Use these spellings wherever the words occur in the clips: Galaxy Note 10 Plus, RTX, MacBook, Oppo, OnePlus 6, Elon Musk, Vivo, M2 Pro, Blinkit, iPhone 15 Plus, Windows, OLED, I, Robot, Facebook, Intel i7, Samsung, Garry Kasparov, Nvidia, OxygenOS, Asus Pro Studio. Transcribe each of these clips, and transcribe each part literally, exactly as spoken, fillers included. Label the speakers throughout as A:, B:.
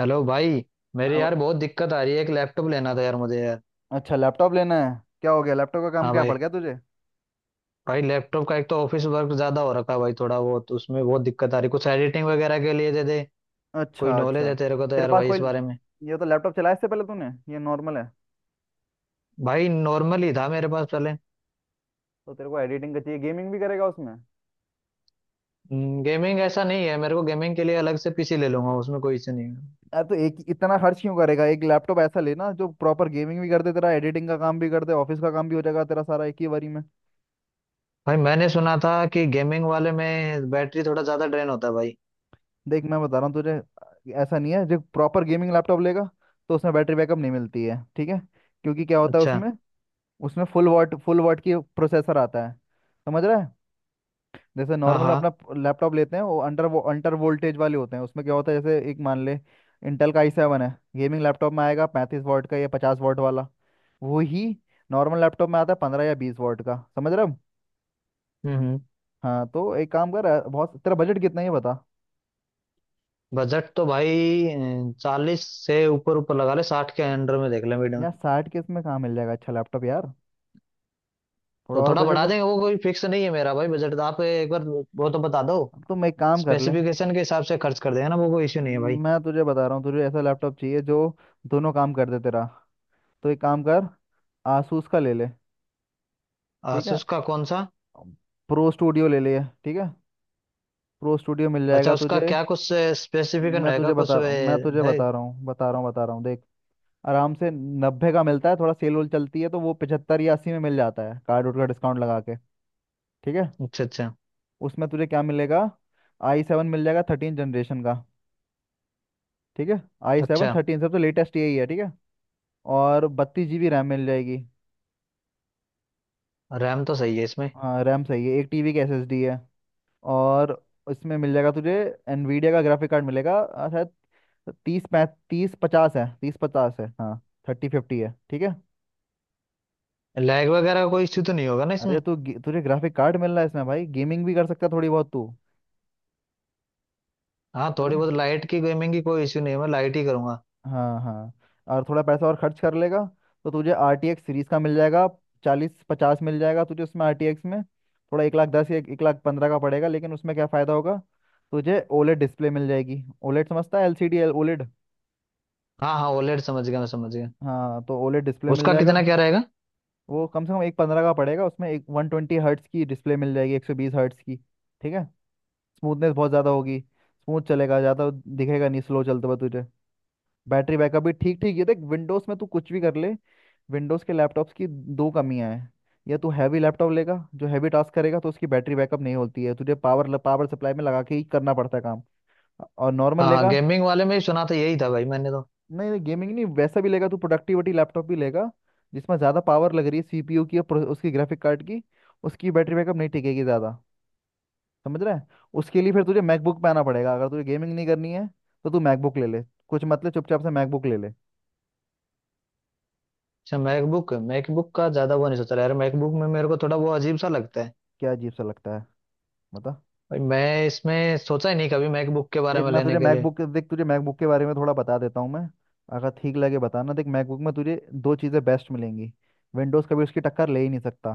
A: Hello भाई। मेरे
B: हाँ वो-
A: यार बहुत दिक्कत आ रही है, एक लैपटॉप लेना था यार मुझे यार।
B: अच्छा लैपटॉप लेना है। क्या हो गया, लैपटॉप का काम
A: हाँ
B: क्या
A: भाई।
B: पड़ गया तुझे?
A: भाई लैपटॉप का एक तो ऑफिस वर्क ज्यादा हो रखा है भाई, थोड़ा वो तो उसमें बहुत दिक्कत आ रही, कुछ एडिटिंग वगैरह के लिए दे दे। कोई
B: अच्छा
A: नॉलेज
B: अच्छा।
A: है तेरे को तो
B: तेरे
A: यार
B: पास
A: भाई
B: कोई
A: इस बारे में?
B: ये तो लैपटॉप चलाया इससे पहले तूने? ये नॉर्मल है?
A: भाई नॉर्मल ही था मेरे पास पहले।
B: तो तेरे को एडिटिंग का चाहिए, गेमिंग भी करेगा उसमें?
A: गेमिंग ऐसा नहीं है, मेरे को गेमिंग के लिए अलग से पीसी ले लूंगा, उसमें कोई इश्यू नहीं है।
B: यार तो एक इतना खर्च क्यों करेगा, एक लैपटॉप ऐसा लेना जो प्रॉपर गेमिंग भी कर दे, तेरा एडिटिंग का काम भी कर दे, ऑफिस का काम भी हो जाएगा तेरा सारा एक ही बारी में।
A: भाई मैंने सुना था कि गेमिंग वाले में बैटरी थोड़ा ज्यादा ड्रेन होता है भाई।
B: देख, मैं बता रहा हूँ तुझे। ऐसा नहीं है, जो प्रॉपर गेमिंग लैपटॉप लेगा तो उसमें बैटरी बैकअप नहीं मिलती है, ठीक है? क्योंकि क्या होता है
A: अच्छा।
B: उसमें, उसमें फुल वॉट फुल वॉट की प्रोसेसर आता है। समझ रहा है? जैसे
A: हाँ
B: नॉर्मल
A: हाँ।
B: अपना लैपटॉप लेते हैं वो अंडर वो अंडर वोल्टेज वाले होते हैं। उसमें क्या होता है, जैसे एक मान ले, इंटेल का आई सेवन है, गेमिंग लैपटॉप में आएगा पैंतीस वॉट का या पचास वॉट वाला। वो ही नॉर्मल लैपटॉप में आता है पंद्रह या बीस वॉट का। समझ रहे हो?
A: हम्म हम्म।
B: हाँ तो एक काम कर, अ, बहुत तेरा बजट कितना है ये बता।
A: बजट तो भाई चालीस से ऊपर ऊपर लगा ले, साठ के अंडर में देख ले।
B: यार साठ के इसमें कहाँ मिल जाएगा अच्छा लैपटॉप यार, थोड़ा
A: तो
B: और
A: थोड़ा
B: बजट।
A: बढ़ा देंगे, वो कोई फिक्स नहीं है मेरा भाई बजट, तो आप एक बार वो तो बता दो।
B: अब तुम एक काम कर ले।
A: स्पेसिफिकेशन के हिसाब से खर्च कर देंगे ना, वो कोई इश्यू नहीं है भाई।
B: मैं तुझे बता रहा हूँ, तुझे ऐसा लैपटॉप चाहिए जो दोनों काम कर दे तेरा। तो एक काम कर, आसूस का ले ले, ठीक है?
A: आसूस का कौन सा?
B: प्रो स्टूडियो ले ले, ठीक है? प्रो स्टूडियो मिल
A: अच्छा,
B: जाएगा
A: उसका
B: तुझे।
A: क्या कुछ स्पेसिफिकेशन
B: मैं
A: रहेगा
B: तुझे
A: कुछ
B: बता रहा हूँ, मैं तुझे
A: वे- है?
B: बता रहा हूँ बता रहा हूँ बता रहा हूँ, देख, आराम से नब्बे का मिलता है, थोड़ा सेल वोल चलती है तो वो पचहत्तर या अस्सी में मिल जाता है, कार्ड वोड का डिस्काउंट लगा के। ठीक है?
A: अच्छा अच्छा।
B: उसमें तुझे क्या मिलेगा, आई सेवन मिल जाएगा थर्टीन जनरेशन का, ठीक है? आई सेवन
A: अच्छा।
B: थर्टीन सबसे लेटेस्ट यही है, ठीक है? और बत्तीस जी बी रैम मिल जाएगी।
A: रैम तो सही है इसमें?
B: हाँ रैम सही है, एक टी बी की एस एस डी है। और इसमें मिल जाएगा तुझे एनवीडिया का ग्राफिक कार्ड मिलेगा अ, शायद तीस पै थर्टी फिफ्टी है, थर्टी फिफ्टी है हाँ, थर्टी फिफ्टी है, ठीक है?
A: लैग वगैरह का कोई इश्यू तो नहीं होगा ना इसमें?
B: अरे तू गे- तुझे ग्राफिक कार्ड मिल रहा है इसमें भाई, गेमिंग भी कर सकता है थोड़ी बहुत तू।
A: हाँ,
B: समझ
A: थोड़ी
B: रहा?
A: बहुत लाइट की गेमिंग की कोई इश्यू नहीं है, मैं लाइट ही करूंगा।
B: हाँ हाँ, और थोड़ा पैसा और खर्च कर लेगा तो तुझे आर टी एक्स सीरीज का मिल जाएगा, चालीस पचास मिल जाएगा तुझे उसमें। आर टी एक्स में थोड़ा एक लाख दस या एक लाख पंद्रह का पड़ेगा, लेकिन उसमें क्या फ़ायदा होगा, तुझे ओलेड डिस्प्ले मिल जाएगी। ओलेड समझता है? LCD L OLED.
A: हाँ हाँ, ओलेड समझ गया, मैं समझ गया।
B: हाँ तो ओलेड डिस्प्ले मिल
A: उसका
B: जाएगा।
A: कितना क्या रहेगा?
B: वो कम से कम एक पंद्रह का पड़ेगा। उसमें एक वन ट्वेंटी हर्ट्स की डिस्प्ले मिल जाएगी, एक सौ बीस हर्ट्स की, ठीक है? स्मूथनेस बहुत ज़्यादा होगी, स्मूथ चलेगा ज़्यादा, दिखेगा नहीं स्लो चलते हुए तुझे। बैटरी बैकअप भी ठीक ठीक। ये देख, विंडोज़ में तू कुछ भी कर ले, विंडोज़ के लैपटॉप्स की दो कमियां हैं। या तू हैवी लैपटॉप लेगा जो हैवी टास्क करेगा तो उसकी बैटरी बैकअप नहीं होती है, तुझे पावर पावर सप्लाई में लगा के ही करना पड़ता है काम। और नॉर्मल
A: हाँ हाँ,
B: लेगा,
A: गेमिंग वाले में ही सुना था, यही था भाई मैंने तो।
B: नहीं नहीं गेमिंग नहीं वैसा भी लेगा तू, प्रोडक्टिविटी लैपटॉप भी लेगा जिसमें ज़्यादा पावर लग रही है सीपीयू की और प्रो- उसकी ग्राफिक कार्ड की, उसकी बैटरी बैकअप नहीं टिकेगी ज़्यादा। समझ रहा है? उसके लिए फिर तुझे मैकबुक पे आना पड़ेगा। अगर तुझे गेमिंग नहीं करनी है तो तू मैकबुक ले ले, कुछ मतलब चुपचाप से मैकबुक ले ले।
A: अच्छा, मैकबुक मैकबुक का ज्यादा वो नहीं सोचा यार, मैकबुक में मेरे को थोड़ा वो अजीब सा लगता है।
B: क्या अजीब सा लगता है, बता।
A: भाई मैं इसमें सोचा ही नहीं कभी मैकबुक के बारे
B: देख,
A: में
B: मैं तुझे
A: लेने के लिए।
B: मैकबुक के- देख तुझे मैकबुक के बारे में थोड़ा बता देता हूँ मैं, अगर ठीक लगे बताना। देख मैकबुक में तुझे दो चीज़ें बेस्ट मिलेंगी, विंडोज़ कभी उसकी टक्कर ले ही नहीं सकता।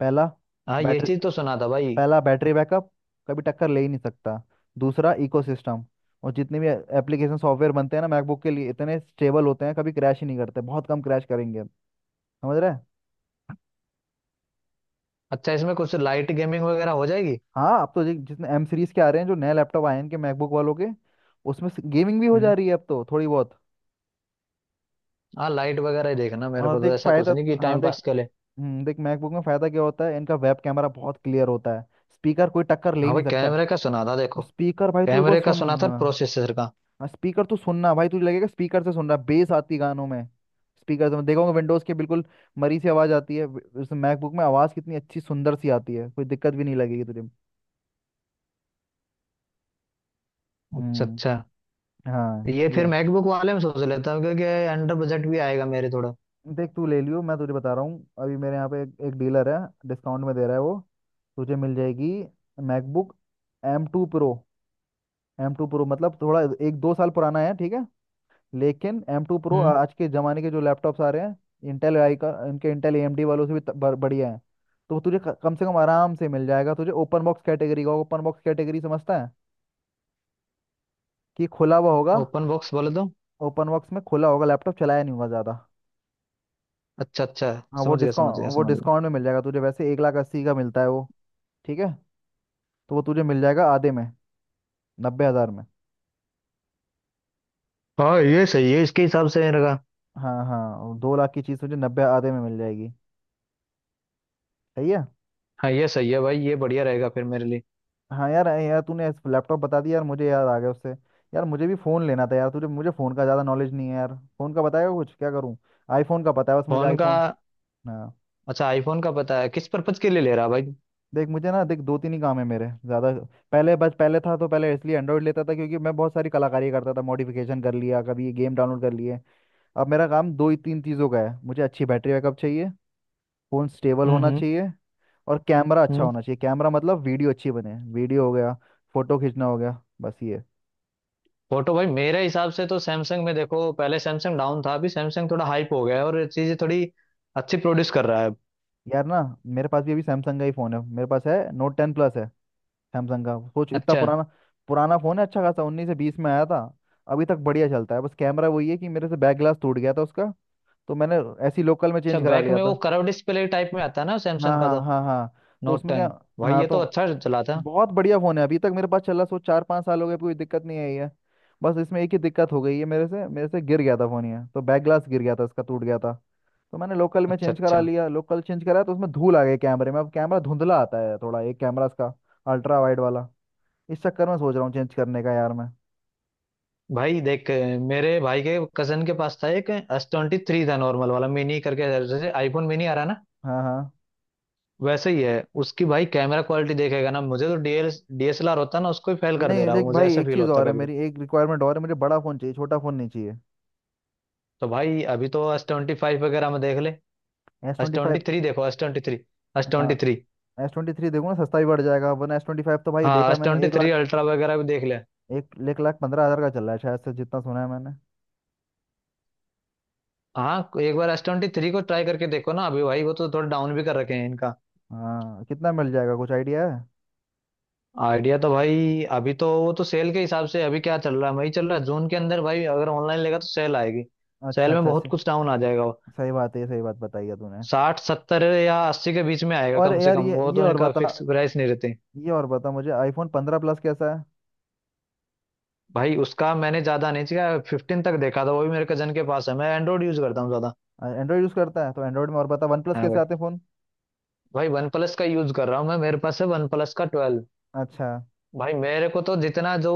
B: पहला
A: हाँ ये
B: बैटरी
A: चीज तो सुना था भाई।
B: पहला बैटरी बैकअप, कभी टक्कर ले ही नहीं सकता। दूसरा इकोसिस्टम, और जितने भी एप्लीकेशन सॉफ्टवेयर बनते हैं ना मैकबुक के लिए, इतने स्टेबल होते हैं, कभी क्रैश ही नहीं करते, बहुत कम क्रैश करेंगे। समझ रहे हैं?
A: अच्छा, इसमें कुछ लाइट गेमिंग वगैरह हो जाएगी?
B: हाँ अब तो जि- जितने एम सीरीज के आ रहे हैं, जो नए लैपटॉप आए हैं इनके मैकबुक वालों के, उसमें गेमिंग भी हो जा
A: हम्म।
B: रही है अब तो थोड़ी बहुत।
A: हाँ, लाइट वगैरह ही देखना मेरे
B: हाँ
A: को, तो
B: देख
A: ऐसा कुछ
B: फायदा,
A: नहीं कि
B: हाँ
A: टाइम
B: देख।
A: पास के लिए।
B: हम्म, देख मैकबुक में फायदा क्या होता है, इनका वेब कैमरा बहुत क्लियर होता है। स्पीकर कोई टक्कर ले ही
A: हाँ
B: नहीं
A: भाई,
B: सकता।
A: कैमरे का सुना था देखो।
B: स्पीकर भाई तू एक बार
A: कैमरे का सुना
B: सुन,
A: था,
B: हाँ।
A: प्रोसेसर का।
B: स्पीकर तू सुनना भाई, तुझे लगेगा स्पीकर से सुन रहा, बेस आती है गानों में। स्पीकर से देखोगे विंडोज के, बिल्कुल मरी सी आवाज आती है। वे- उस मैकबुक में आवाज कितनी अच्छी सुंदर सी आती है, कोई दिक्कत भी नहीं लगेगी तुझे।
A: अच्छा अच्छा,
B: हम्म हाँ
A: ये
B: ये
A: फिर
B: है।
A: मैकबुक वाले में सोच लेता हूँ क्योंकि अंडर बजट भी आएगा मेरे थोड़ा।
B: देख तू ले लियो, मैं तुझे बता रहा हूँ, अभी मेरे यहाँ पे एक, एक डीलर है, डिस्काउंट में दे रहा है वो। तुझे मिल जाएगी MacBook M two pro. M two pro मतलब थोड़ा एक दो साल पुराना है, ठीक है, लेकिन एम टू प्रो
A: हम्म।
B: आज के ज़माने के जो लैपटॉप्स आ रहे हैं इंटेल आई का, इनके इंटेल ए एम डी वालों से भी त- बर- बढ़िया है। तो तुझे क- कम से कम आराम से मिल जाएगा तुझे ओपन बॉक्स कैटेगरी का। ओपन बॉक्स कैटेगरी समझता है? कि खुला हुआ होगा।
A: ओपन बॉक्स बोले तो?
B: ओपन बॉक्स में खुला होगा, लैपटॉप चलाया नहीं होगा ज़्यादा।
A: अच्छा अच्छा।
B: हाँ वो
A: समझ गया समझ गया
B: डिस्काउंट, वो
A: समझ गया।
B: डिस्काउंट में मिल जाएगा तुझे। वैसे एक लाख अस्सी का मिलता है वो, ठीक है, तो वो तुझे मिल जाएगा आधे में, नब्बे हज़ार में।
A: हाँ ये सही है, इसके हिसाब से रहेगा।
B: हाँ हाँ दो लाख की चीज़ तुझे नब्बे, आधे में मिल जाएगी, सही है।
A: हाँ ये सही है भाई, ये बढ़िया रहेगा फिर मेरे लिए।
B: हाँ यार, ऐ यार तूने लैपटॉप बता दिया यार, मुझे याद आ गया उससे, यार मुझे भी फ़ोन लेना था यार तुझे, मुझे फ़ोन का ज़्यादा नॉलेज नहीं है यार, फ़ोन का बताएगा कुछ, क्या करूँ? आईफ़ोन का पता है बस मुझे,
A: फोन का?
B: आईफ़ोन। हाँ
A: अच्छा, आईफोन का पता है, किस पर्पज के लिए ले रहा भाई?
B: देख मुझे ना, देख दो तीन ही काम है मेरे ज़्यादा। पहले बस पहले था तो पहले इसलिए एंड्रॉइड लेता था क्योंकि मैं बहुत सारी कलाकारी करता था, मॉडिफिकेशन कर लिया, कभी गेम डाउनलोड कर लिए। अब मेरा काम दो ही तीन चीज़ों का है, मुझे अच्छी बैटरी बैकअप चाहिए, फ़ोन स्टेबल
A: हम्म
B: होना
A: हम्म।
B: चाहिए, और कैमरा अच्छा
A: हम्म।
B: होना चाहिए। कैमरा मतलब वीडियो अच्छी बने, वीडियो हो गया, फ़ोटो खींचना हो गया, बस ये।
A: फोटो भाई मेरे हिसाब से तो सैमसंग में देखो। पहले सैमसंग डाउन था, अभी सैमसंग थोड़ा हाइप हो गया है और चीजें थोड़ी अच्छी प्रोड्यूस कर रहा है अब।
B: यार ना, मेरे पास भी अभी सैमसंग का ही फ़ोन है, मेरे पास है नोट टेन प्लस है सैमसंग का, सोच इतना
A: अच्छा।
B: पुराना पुराना फ़ोन है, अच्छा खासा उन्नीस से बीस में आया था। अभी तक बढ़िया चलता है, बस कैमरा वही है कि मेरे से बैक ग्लास टूट गया था उसका, तो मैंने ऐसी लोकल में
A: अच्छा
B: चेंज करा
A: बैक
B: लिया
A: में वो
B: था।
A: कर्व डिस्प्ले टाइप में आता है ना
B: हाँ
A: सैमसंग का
B: हाँ
A: तो,
B: हाँ हाँ, तो
A: नोट
B: उसमें क्या।
A: टेन भाई
B: हाँ
A: ये तो
B: तो
A: अच्छा चला था।
B: बहुत बढ़िया फोन है, अभी तक मेरे पास चला, सो चार पाँच साल हो गए, कोई दिक्कत नहीं आई है। बस इसमें एक ही दिक्कत हो गई है, मेरे से मेरे से गिर गया था फोन, ये तो बैक ग्लास गिर गया था इसका, टूट गया था, तो मैंने लोकल में
A: अच्छा
B: चेंज करा
A: अच्छा।
B: लिया, लोकल चेंज करा तो उसमें धूल आ गई कैमरे में, अब कैमरा धुंधला आता है थोड़ा एक कैमरा इसका, अल्ट्रा वाइड वाला। इस चक्कर में सोच रहा हूँ चेंज करने का यार मैं।
A: भाई देख, मेरे भाई के कजन के पास था एक एस ट्वेंटी थ्री था नॉर्मल वाला मिनी करके, जैसे आईफोन मिनी आ रहा है ना।
B: हाँ हाँ,
A: वैसे ही है। उसकी भाई कैमरा क्वालिटी देखेगा ना, मुझे तो डीएल डीएसएलआर होता ना उसको ही फेल कर दे
B: नहीं
A: रहा हूँ,
B: लेकिन
A: मुझे
B: भाई
A: ऐसा
B: एक
A: फील
B: चीज़
A: होता
B: और है,
A: कभी कभी।
B: मेरी एक रिक्वायरमेंट और है, मुझे बड़ा फ़ोन चाहिए, छोटा फ़ोन नहीं चाहिए।
A: तो भाई अभी तो एस ट्वेंटी फाइव वगैरह में देख ले।
B: S
A: S
B: twenty
A: twenty
B: five
A: three देखो। S twenty three. एस
B: हाँ
A: twenty three
B: S twenty three देखो ना, सस्ता भी पड़ जाएगा, वरना एस ट्वेंटी फाइव तो भाई
A: हाँ
B: देखा
A: एस
B: मैंने,
A: ट्वेंटी
B: एक
A: थ्री
B: लाख,
A: अल्ट्रा वगैरह भी देख ले।
B: एक एक लाख पंद्रह हजार का चल रहा है शायद से, जितना सुना है मैंने।
A: हाँ, एक बार एस ट्वेंटी थ्री को ट्राई करके देखो ना अभी भाई, वो तो थोड़ा डाउन भी कर रखे हैं इनका।
B: हाँ कितना मिल जाएगा कुछ आइडिया है?
A: आइडिया तो भाई अभी तो, वो तो सेल के हिसाब से अभी क्या चल रहा है वही चल रहा है, जून के अंदर भाई अगर ऑनलाइन लेगा तो सेल आएगी।
B: अच्छा
A: सेल में
B: अच्छा
A: बहुत
B: से,
A: कुछ डाउन आ जाएगा।
B: सही बात है, ये सही बात बताई है तूने।
A: साठ सत्तर या अस्सी के बीच में आएगा
B: और
A: कम से
B: यार
A: कम,
B: ये,
A: वो
B: ये
A: तो
B: और
A: इनका
B: बता
A: फिक्स प्राइस नहीं रहते।
B: ये और बता मुझे, आईफोन पंद्रह प्लस कैसा
A: भाई उसका मैंने ज्यादा नहीं किया, फिफ्टीन तक देखा था, वो भी मेरे कजन के पास है, मैं एंड्रॉइड यूज करता हूँ ज्यादा।
B: है? एंड्रॉयड यूज़ करता है तो एंड्रॉयड में और बता, वन प्लस
A: हाँ
B: कैसे
A: भाई।
B: आते हैं फ़ोन?
A: भाई वन प्लस का यूज कर रहा हूँ मैं, मेरे पास है वन प्लस का ट्वेल्व।
B: अच्छा,
A: भाई मेरे को तो जितना जो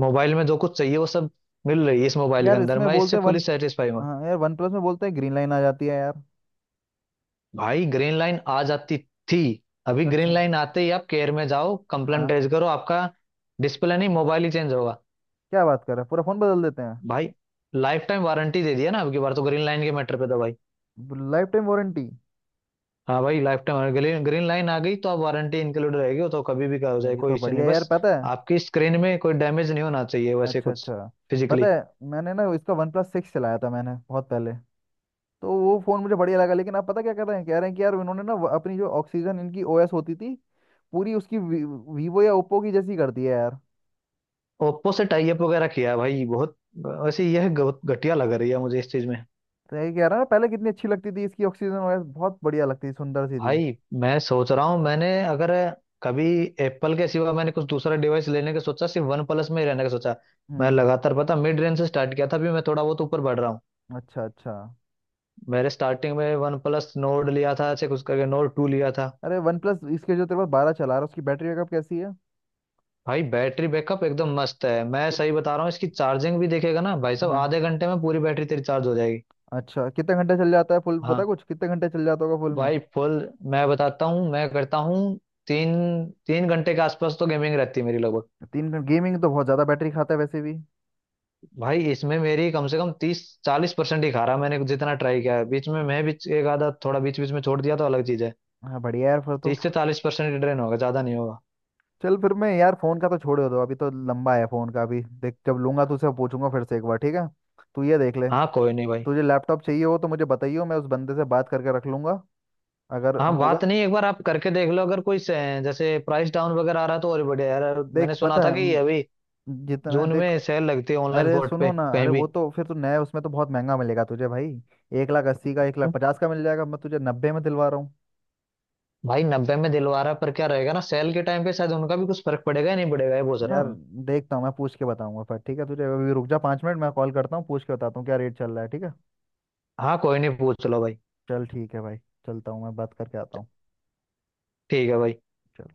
A: मोबाइल में जो कुछ चाहिए वो सब मिल रही है इस मोबाइल के
B: यार
A: अंदर,
B: इसमें
A: मैं
B: बोलते
A: इससे
B: हैं वन,
A: फुली सेटिस्फाई हूँ।
B: हाँ यार वन प्लस में बोलते हैं ग्रीन लाइन आ जाती है यार।
A: भाई ग्रीन लाइन आ जाती थी। अभी ग्रीन
B: अच्छा,
A: लाइन आते ही आप केयर में जाओ, कंप्लेंट
B: हाँ,
A: रेज करो, आपका डिस्प्ले नहीं मोबाइल ही चेंज होगा।
B: क्या बात कर रहा है, पूरा फ़ोन बदल देते हैं?
A: भाई, लाइफ टाइम वारंटी दे दिया ना अब की बार, तो ग्रीन लाइन के मैटर पे था भाई।
B: Lifetime warranty!
A: हाँ भाई lifetime, green green line आ गई तो अब वारंटी इंक्लूड रहेगी, वो तो कभी भी का हो
B: यार
A: जाए
B: ये
A: कोई
B: तो
A: इश्यू
B: बढ़िया
A: नहीं,
B: है यार,
A: बस।
B: पता है।
A: आपकी स्क्रीन में कोई डैमेज नहीं होना चाहिए वैसे
B: अच्छा
A: कुछ,
B: अच्छा, पता
A: फिजिकली।
B: है मैंने ना इसका वन प्लस सिक्स चलाया था मैंने बहुत पहले, तो वो फ़ोन मुझे बढ़िया लगा, लेकिन आप पता क्या कर रहे हैं, कह रहे हैं कि यार इन्होंने ना व- अपनी जो ऑक्सीजन इनकी ओएस होती थी, पूरी उसकी वी, वीवो या ओप्पो की जैसी कर दी है यार।
A: ओप्पो से टाई अप वगैरह किया है भाई बहुत, वैसे यह बहुत घटिया लग रही है मुझे इस चीज में।
B: तो यही कह रहा है ना, पहले कितनी अच्छी लगती थी इसकी, ऑक्सीजन ओएस बहुत बढ़िया लगती थी, सुंदर सी थी।
A: भाई मैं सोच रहा हूँ, मैंने अगर कभी एप्पल के सिवा मैंने कुछ दूसरा डिवाइस लेने का सोचा, सिर्फ वन प्लस में ही रहने का सोचा। मैं
B: हम्म,
A: लगातार, पता, मिड रेंज से स्टार्ट किया था, अभी मैं थोड़ा बहुत ऊपर बढ़ रहा हूँ।
B: अच्छा अच्छा।
A: मैंने स्टार्टिंग में वन प्लस नोड लिया था, ऐसे कुछ करके नोड टू लिया था।
B: अरे वन प्लस इसके, जो तेरे पास बारह चला रहा है उसकी बैटरी बैकअप कैसी है?
A: भाई बैटरी बैकअप एकदम मस्त है, मैं सही
B: कित-
A: बता रहा हूँ, इसकी चार्जिंग भी देखेगा ना भाई साहब,
B: हाँ
A: आधे घंटे में पूरी बैटरी तेरी चार्ज हो जाएगी।
B: अच्छा, कितने घंटे चल जाता है फुल, पता
A: हाँ
B: कुछ कितने घंटे चल जाता होगा फुल में?
A: भाई फुल, मैं बताता हूँ, मैं करता हूँ। तीन तीन घंटे के आसपास तो गेमिंग रहती है मेरी लगभग।
B: तीन घंटे गेमिंग तो बहुत ज़्यादा बैटरी खाता है वैसे भी।
A: भाई इसमें मेरी कम से कम तीस चालीस परसेंट ही खा रहा है, मैंने जितना ट्राई किया है बीच में। मैं भी एक आधा थोड़ा बीच बीच में छोड़ दिया तो अलग चीज है।
B: हाँ बढ़िया यार, फिर तो
A: तीस से चालीस परसेंट ड्रेन होगा, ज्यादा नहीं होगा।
B: चल, फिर मैं यार फोन का तो छोड़ दो, अभी तो लंबा है फोन का, अभी देख जब लूंगा तो उसे पूछूंगा फिर से एक बार, ठीक है? तू ये देख ले,
A: हाँ कोई नहीं भाई।
B: तुझे लैपटॉप चाहिए हो तो मुझे बताइयो, मैं उस बंदे से बात करके रख लूंगा अगर
A: हाँ, बात
B: होगा।
A: नहीं, एक बार आप करके देख लो, अगर कोई से, जैसे प्राइस डाउन वगैरह आ रहा है तो और भी बढ़िया यार।
B: देख
A: मैंने सुना
B: पता
A: था
B: है
A: कि
B: म,
A: अभी
B: जितना
A: जून
B: देख,
A: में सेल लगती है ऑनलाइन
B: अरे
A: पोर्ट पे
B: सुनो ना,
A: कहीं
B: अरे
A: भी।
B: वो तो फिर तू नया, उसमें तो बहुत महंगा मिलेगा तुझे भाई, एक लाख अस्सी का एक लाख
A: हम्म।
B: पचास का मिल जाएगा, मैं तुझे नब्बे में दिलवा रहा हूँ।
A: भाई नब्बे में दिलवा रहा है, पर क्या रहेगा ना सेल के टाइम पे शायद उनका भी कुछ फर्क पड़ेगा या नहीं पड़ेगा, ये पूछ रहा
B: यार
A: हूँ।
B: देखता हूँ मैं, पूछ के बताऊंगा फिर, ठीक है तुझे? अभी रुक जा, पाँच मिनट मैं कॉल करता हूँ, पूछ के बताता हूँ क्या रेट चल रहा है, ठीक है?
A: हाँ कोई नहीं, पूछ लो भाई।
B: चल ठीक है भाई, चलता हूँ, मैं बात करके आता हूँ।
A: ठीक है भाई।
B: चल।